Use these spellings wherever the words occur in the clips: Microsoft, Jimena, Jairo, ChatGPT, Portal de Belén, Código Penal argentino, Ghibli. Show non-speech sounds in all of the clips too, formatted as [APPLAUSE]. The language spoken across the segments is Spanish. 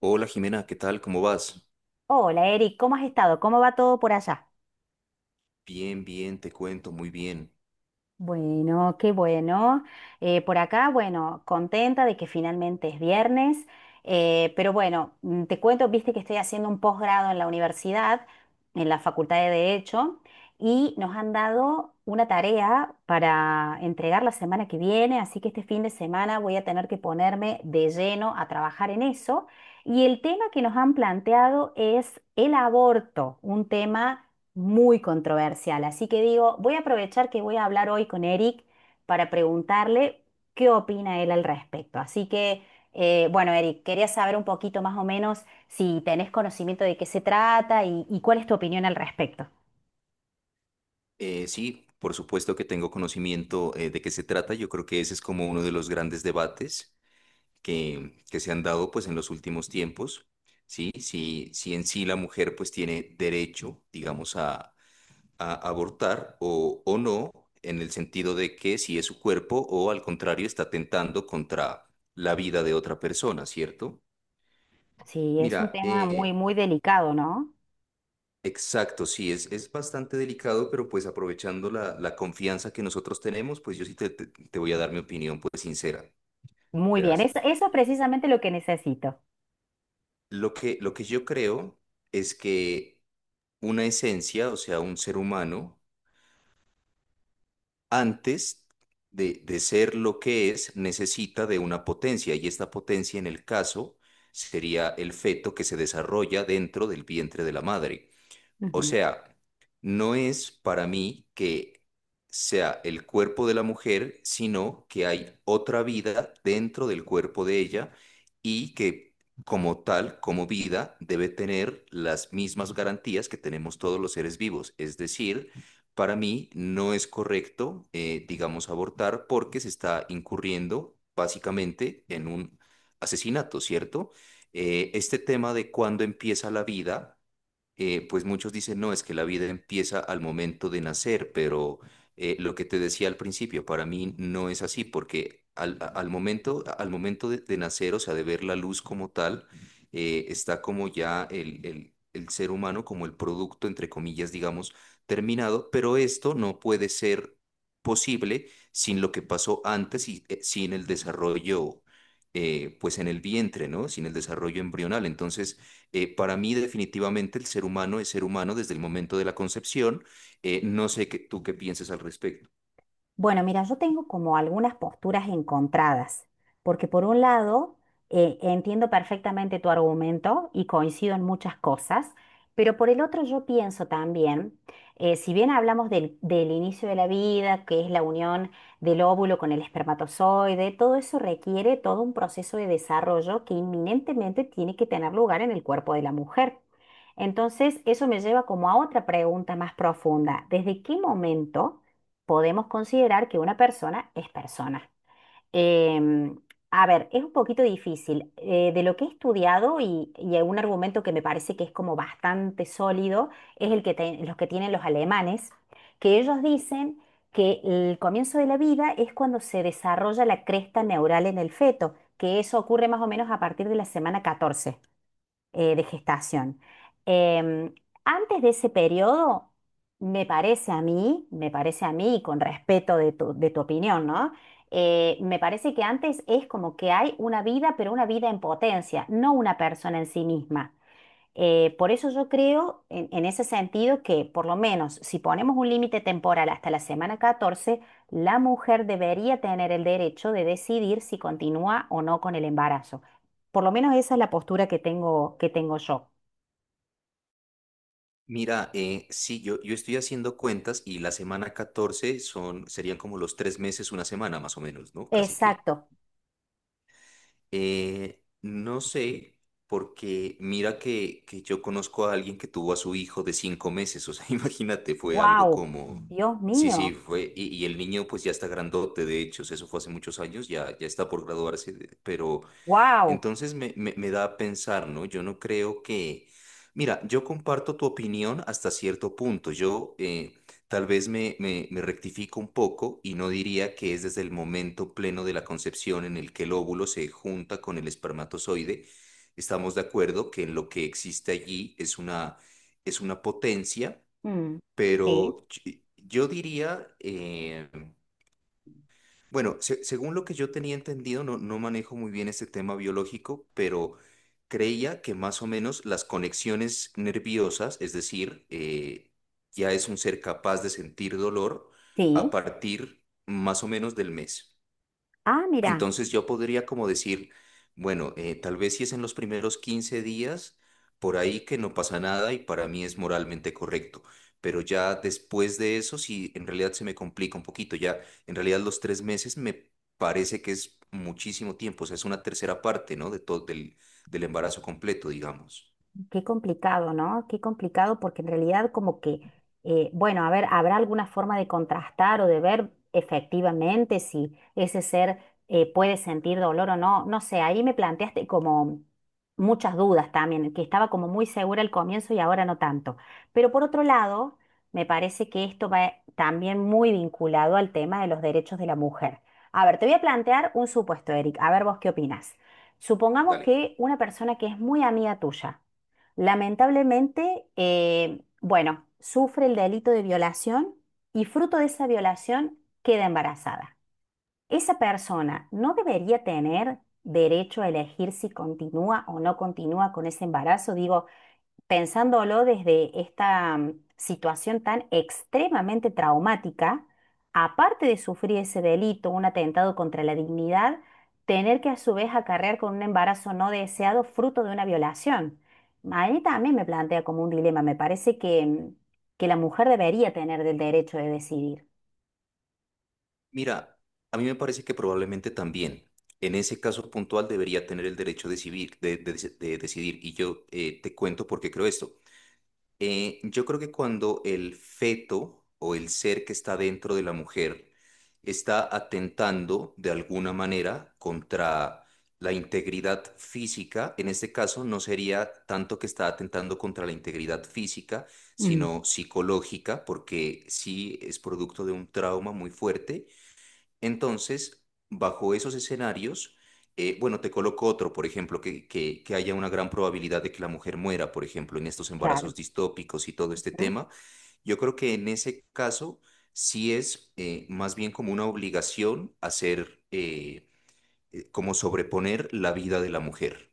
Hola Jimena, ¿qué tal? ¿Cómo vas? Hola Eric, ¿cómo has estado? ¿Cómo va todo por allá? Bien, bien, te cuento, muy bien. Bueno, qué bueno. Por acá, bueno, contenta de que finalmente es viernes, pero bueno, te cuento, viste que estoy haciendo un posgrado en la universidad, en la Facultad de Derecho, y nos han dado una tarea para entregar la semana que viene, así que este fin de semana voy a tener que ponerme de lleno a trabajar en eso. Y el tema que nos han planteado es el aborto, un tema muy controversial. Así que digo, voy a aprovechar que voy a hablar hoy con Eric para preguntarle qué opina él al respecto. Así que, bueno, Eric, quería saber un poquito más o menos si tenés conocimiento de qué se trata y cuál es tu opinión al respecto. Sí, por supuesto que tengo conocimiento de qué se trata. Yo creo que ese es como uno de los grandes debates que se han dado pues en los últimos tiempos. Sí, si en sí la mujer pues tiene derecho, digamos, a abortar o no, en el sentido de que si es su cuerpo o al contrario está tentando contra la vida de otra persona, ¿cierto? Sí, es un Mira, tema muy, eh, muy delicado, ¿no? Exacto, sí, es bastante delicado, pero pues aprovechando la confianza que nosotros tenemos, pues yo sí te voy a dar mi opinión pues sincera. Muy bien, Verás, eso es precisamente lo que necesito. Lo que yo creo es que una esencia, o sea, un ser humano, antes de ser lo que es, necesita de una potencia y esta potencia en el caso sería el feto que se desarrolla dentro del vientre de la madre. O Ujú. sea, no es para mí que sea el cuerpo de la mujer, sino que hay otra vida dentro del cuerpo de ella y que como tal, como vida, debe tener las mismas garantías que tenemos todos los seres vivos. Es decir, para mí no es correcto, digamos, abortar porque se está incurriendo básicamente en un asesinato, ¿cierto? Este tema de cuándo empieza la vida pues muchos dicen, no, es que la vida empieza al momento de nacer, pero lo que te decía al principio, para mí no es así, porque al momento de nacer, o sea, de ver la luz como tal, está como ya el ser humano, como el producto, entre comillas, digamos, terminado, pero esto no puede ser posible sin lo que pasó antes y sin el desarrollo pues en el vientre, ¿no? Sin el desarrollo embrional. Entonces, para mí, definitivamente, el ser humano es ser humano desde el momento de la concepción. No sé qué- ¿Tú qué pienses al respecto? Bueno, mira, yo tengo como algunas posturas encontradas, porque por un lado entiendo perfectamente tu argumento y coincido en muchas cosas, pero por el otro yo pienso también, si bien hablamos del inicio de la vida, que es la unión del óvulo con el espermatozoide, todo eso requiere todo un proceso de desarrollo que inminentemente tiene que tener lugar en el cuerpo de la mujer. Entonces, eso me lleva como a otra pregunta más profunda: ¿desde qué momento podemos considerar que una persona es persona? Em, a ver, es un poquito difícil. De lo que he estudiado y un argumento que me parece que es como bastante sólido es el los que tienen los alemanes, que ellos dicen que el comienzo de la vida es cuando se desarrolla la cresta neural en el feto, que eso ocurre más o menos a partir de la semana 14 de gestación. Em, Antes de ese periodo, me parece a mí, me parece a mí, y con respeto de tu opinión, ¿no? Me parece que antes es como que hay una vida, pero una vida en potencia, no una persona en sí misma. Por eso yo creo en ese sentido que por lo menos si ponemos un límite temporal hasta la semana 14, la mujer debería tener el derecho de decidir si continúa o no con el embarazo. Por lo menos esa es la postura que tengo yo. Sí, yo estoy haciendo cuentas y la semana 14 son, serían como los tres meses, una semana más o menos, ¿no? Casi que. Exacto. No sé, porque mira que yo conozco a alguien que tuvo a su hijo de 5 meses, o sea, [LAUGHS] imagínate, fue algo Wow. como... Mm. Dios Sí, mío. sí, fue, y el niño pues ya está grandote, de hecho, o sea, eso fue hace muchos años, ya está por graduarse, de- pero Wow. entonces me da a pensar, ¿no? Yo no creo que... Mira, yo comparto tu opinión hasta cierto punto. Yo, tal vez me rectifico un poco y no diría que es desde el momento pleno de la concepción en el que el óvulo se junta con el espermatozoide. Estamos de acuerdo que lo que existe allí es una potencia, Mm. Sí, pero yo diría... bueno, según lo que yo tenía entendido, no, no manejo muy bien este tema biológico, pero creía que más o menos las conexiones nerviosas, es decir, ya es un ser capaz de sentir dolor a sí. partir más o menos del mes. Ah, mira. Entonces yo podría como decir, bueno, tal vez si es en los primeros 15 días, por ahí que no pasa nada y para mí es moralmente correcto. Pero ya después de eso, sí, en realidad se me complica un poquito. Ya en realidad los tres meses me parece que es muchísimo tiempo. O sea, es una tercera parte, ¿no? De todo, del, del embarazo completo, digamos. Qué complicado, ¿no? Qué complicado porque en realidad como que, bueno, a ver, habrá alguna forma de contrastar o de ver efectivamente si ese ser puede sentir dolor o no. No sé, ahí me planteaste como muchas dudas también, que estaba como muy segura al comienzo y ahora no tanto. Pero por otro lado, me parece que esto va también muy vinculado al tema de los derechos de la mujer. A ver, te voy a plantear un supuesto, Eric. A ver vos qué opinás. Supongamos Dale. que una persona que es muy amiga tuya, lamentablemente, bueno, sufre el delito de violación y fruto de esa violación queda embarazada. Esa persona no debería tener derecho a elegir si continúa o no continúa con ese embarazo. Digo, pensándolo desde esta situación tan extremadamente traumática, aparte de sufrir ese delito, un atentado contra la dignidad, tener que a su vez acarrear con un embarazo no deseado fruto de una violación. A mí también me plantea como un dilema. Me parece que que la mujer debería tener el derecho de decidir. Mira, a mí me parece que probablemente también. En ese caso puntual debería tener el derecho de decidir, de decidir. Y yo, te cuento por qué creo esto. Yo creo que cuando el feto o el ser que está dentro de la mujer está atentando de alguna manera contra la integridad física, en este caso no sería tanto que está atentando contra la integridad física, Mm, sino psicológica, porque sí es producto de un trauma muy fuerte. Entonces, bajo esos escenarios, bueno, te coloco otro, por ejemplo, que haya una gran probabilidad de que la mujer muera, por ejemplo, en estos claro. embarazos distópicos y todo este ¿Mm? tema. Yo creo que en ese caso sí es, más bien como una obligación hacer, como sobreponer la vida de la mujer.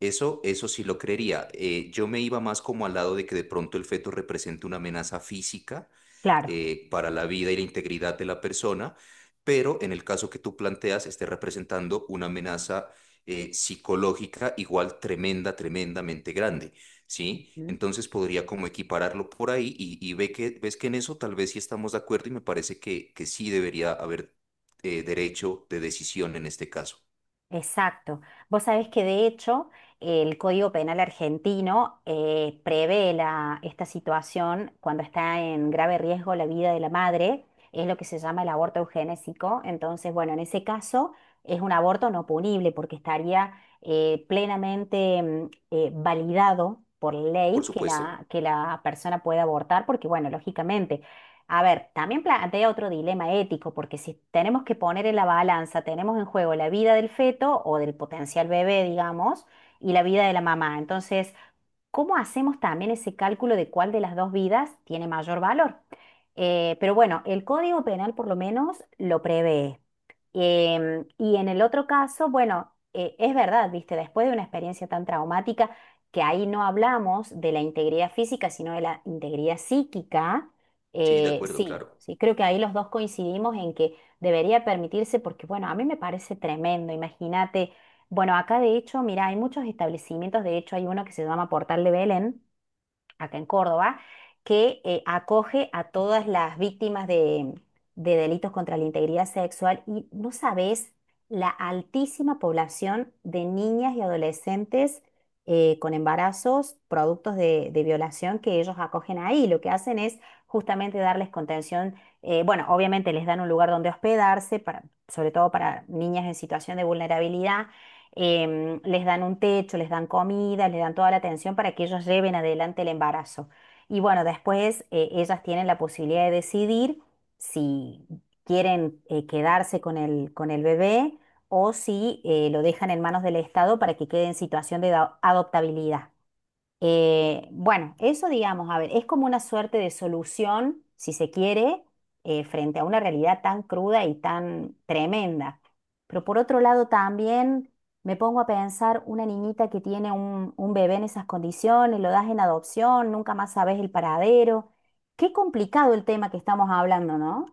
Eso sí lo creería. Yo me iba más como al lado de que de pronto el feto represente una amenaza física Claro. Para la vida y la integridad de la persona, pero en el caso que tú planteas, esté representando una amenaza psicológica igual tremenda, tremendamente grande, ¿sí? Entonces podría como equipararlo por ahí y ve que, ves que en eso tal vez sí estamos de acuerdo y me parece que sí debería haber derecho de decisión en este caso. Exacto. Vos sabés que de hecho el Código Penal argentino prevé esta situación cuando está en grave riesgo la vida de la madre, es lo que se llama el aborto eugenésico. Entonces, bueno, en ese caso es un aborto no punible porque estaría plenamente validado por Por ley que supuesto. la persona pueda abortar, porque bueno, lógicamente a ver, también plantea otro dilema ético, porque si tenemos que poner en la balanza, tenemos en juego la vida del feto o del potencial bebé, digamos, y la vida de la mamá. Entonces, ¿cómo hacemos también ese cálculo de cuál de las dos vidas tiene mayor valor? Pero bueno, el Código Penal por lo menos lo prevé. Y en el otro caso, bueno, es verdad, viste, después de una experiencia tan traumática, que ahí no hablamos de la integridad física, sino de la integridad psíquica, Sí, de acuerdo, sí, claro. sí, creo que ahí los dos coincidimos en que debería permitirse, porque bueno, a mí me parece tremendo, imagínate. Bueno, acá de hecho, mira, hay muchos establecimientos, de hecho hay uno que se llama Portal de Belén, acá en Córdoba, que acoge a todas las víctimas de delitos contra la integridad sexual y no sabes la altísima población de niñas y adolescentes con embarazos, productos de violación que ellos acogen ahí. Lo que hacen es justamente darles contención, bueno, obviamente les dan un lugar donde hospedarse, para, sobre todo para niñas en situación de vulnerabilidad, les dan un techo, les dan comida, les dan toda la atención para que ellos lleven adelante el embarazo. Y bueno, después ellas tienen la posibilidad de decidir si quieren, quedarse con el bebé o si lo dejan en manos del Estado para que quede en situación de adoptabilidad. Bueno, eso digamos, a ver, es como una suerte de solución, si se quiere, frente a una realidad tan cruda y tan tremenda. Pero por otro lado también me pongo a pensar una niñita que tiene un bebé en esas condiciones, lo das en adopción, nunca más sabes el paradero. Qué complicado el tema que estamos hablando, ¿no?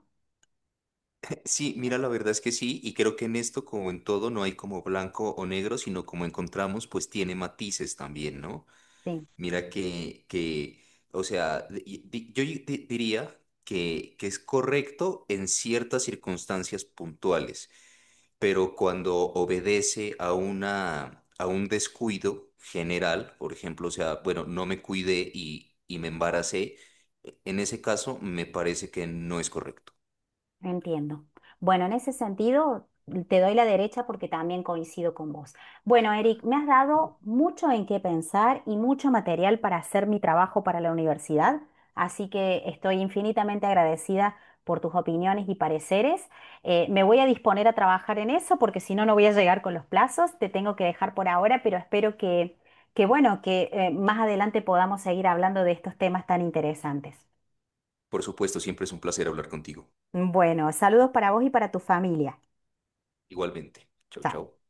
Sí, mira, la verdad es que sí, y creo que en esto, como en todo, no hay como blanco o negro, sino como encontramos, pues tiene matices también, ¿no? Sí. Mira que o sea, diría que es correcto en ciertas circunstancias puntuales, pero cuando obedece a una, a un descuido general, por ejemplo, o sea, bueno, no me cuidé y me embaracé, e, en ese caso me parece que no es correcto. Entiendo. Bueno, en ese sentido, te doy la derecha porque también coincido con vos. Bueno, Eric, me has dado mucho en qué pensar y mucho material para hacer mi trabajo para la universidad, así que estoy infinitamente agradecida por tus opiniones y pareceres. Me voy a disponer a trabajar en eso porque si no, no voy a llegar con los plazos. Te tengo que dejar por ahora, pero espero que bueno, que más adelante podamos seguir hablando de estos temas tan interesantes. Por supuesto, siempre es un placer hablar contigo. Bueno, saludos para vos y para tu familia. Igualmente. Chau, chau. Chao.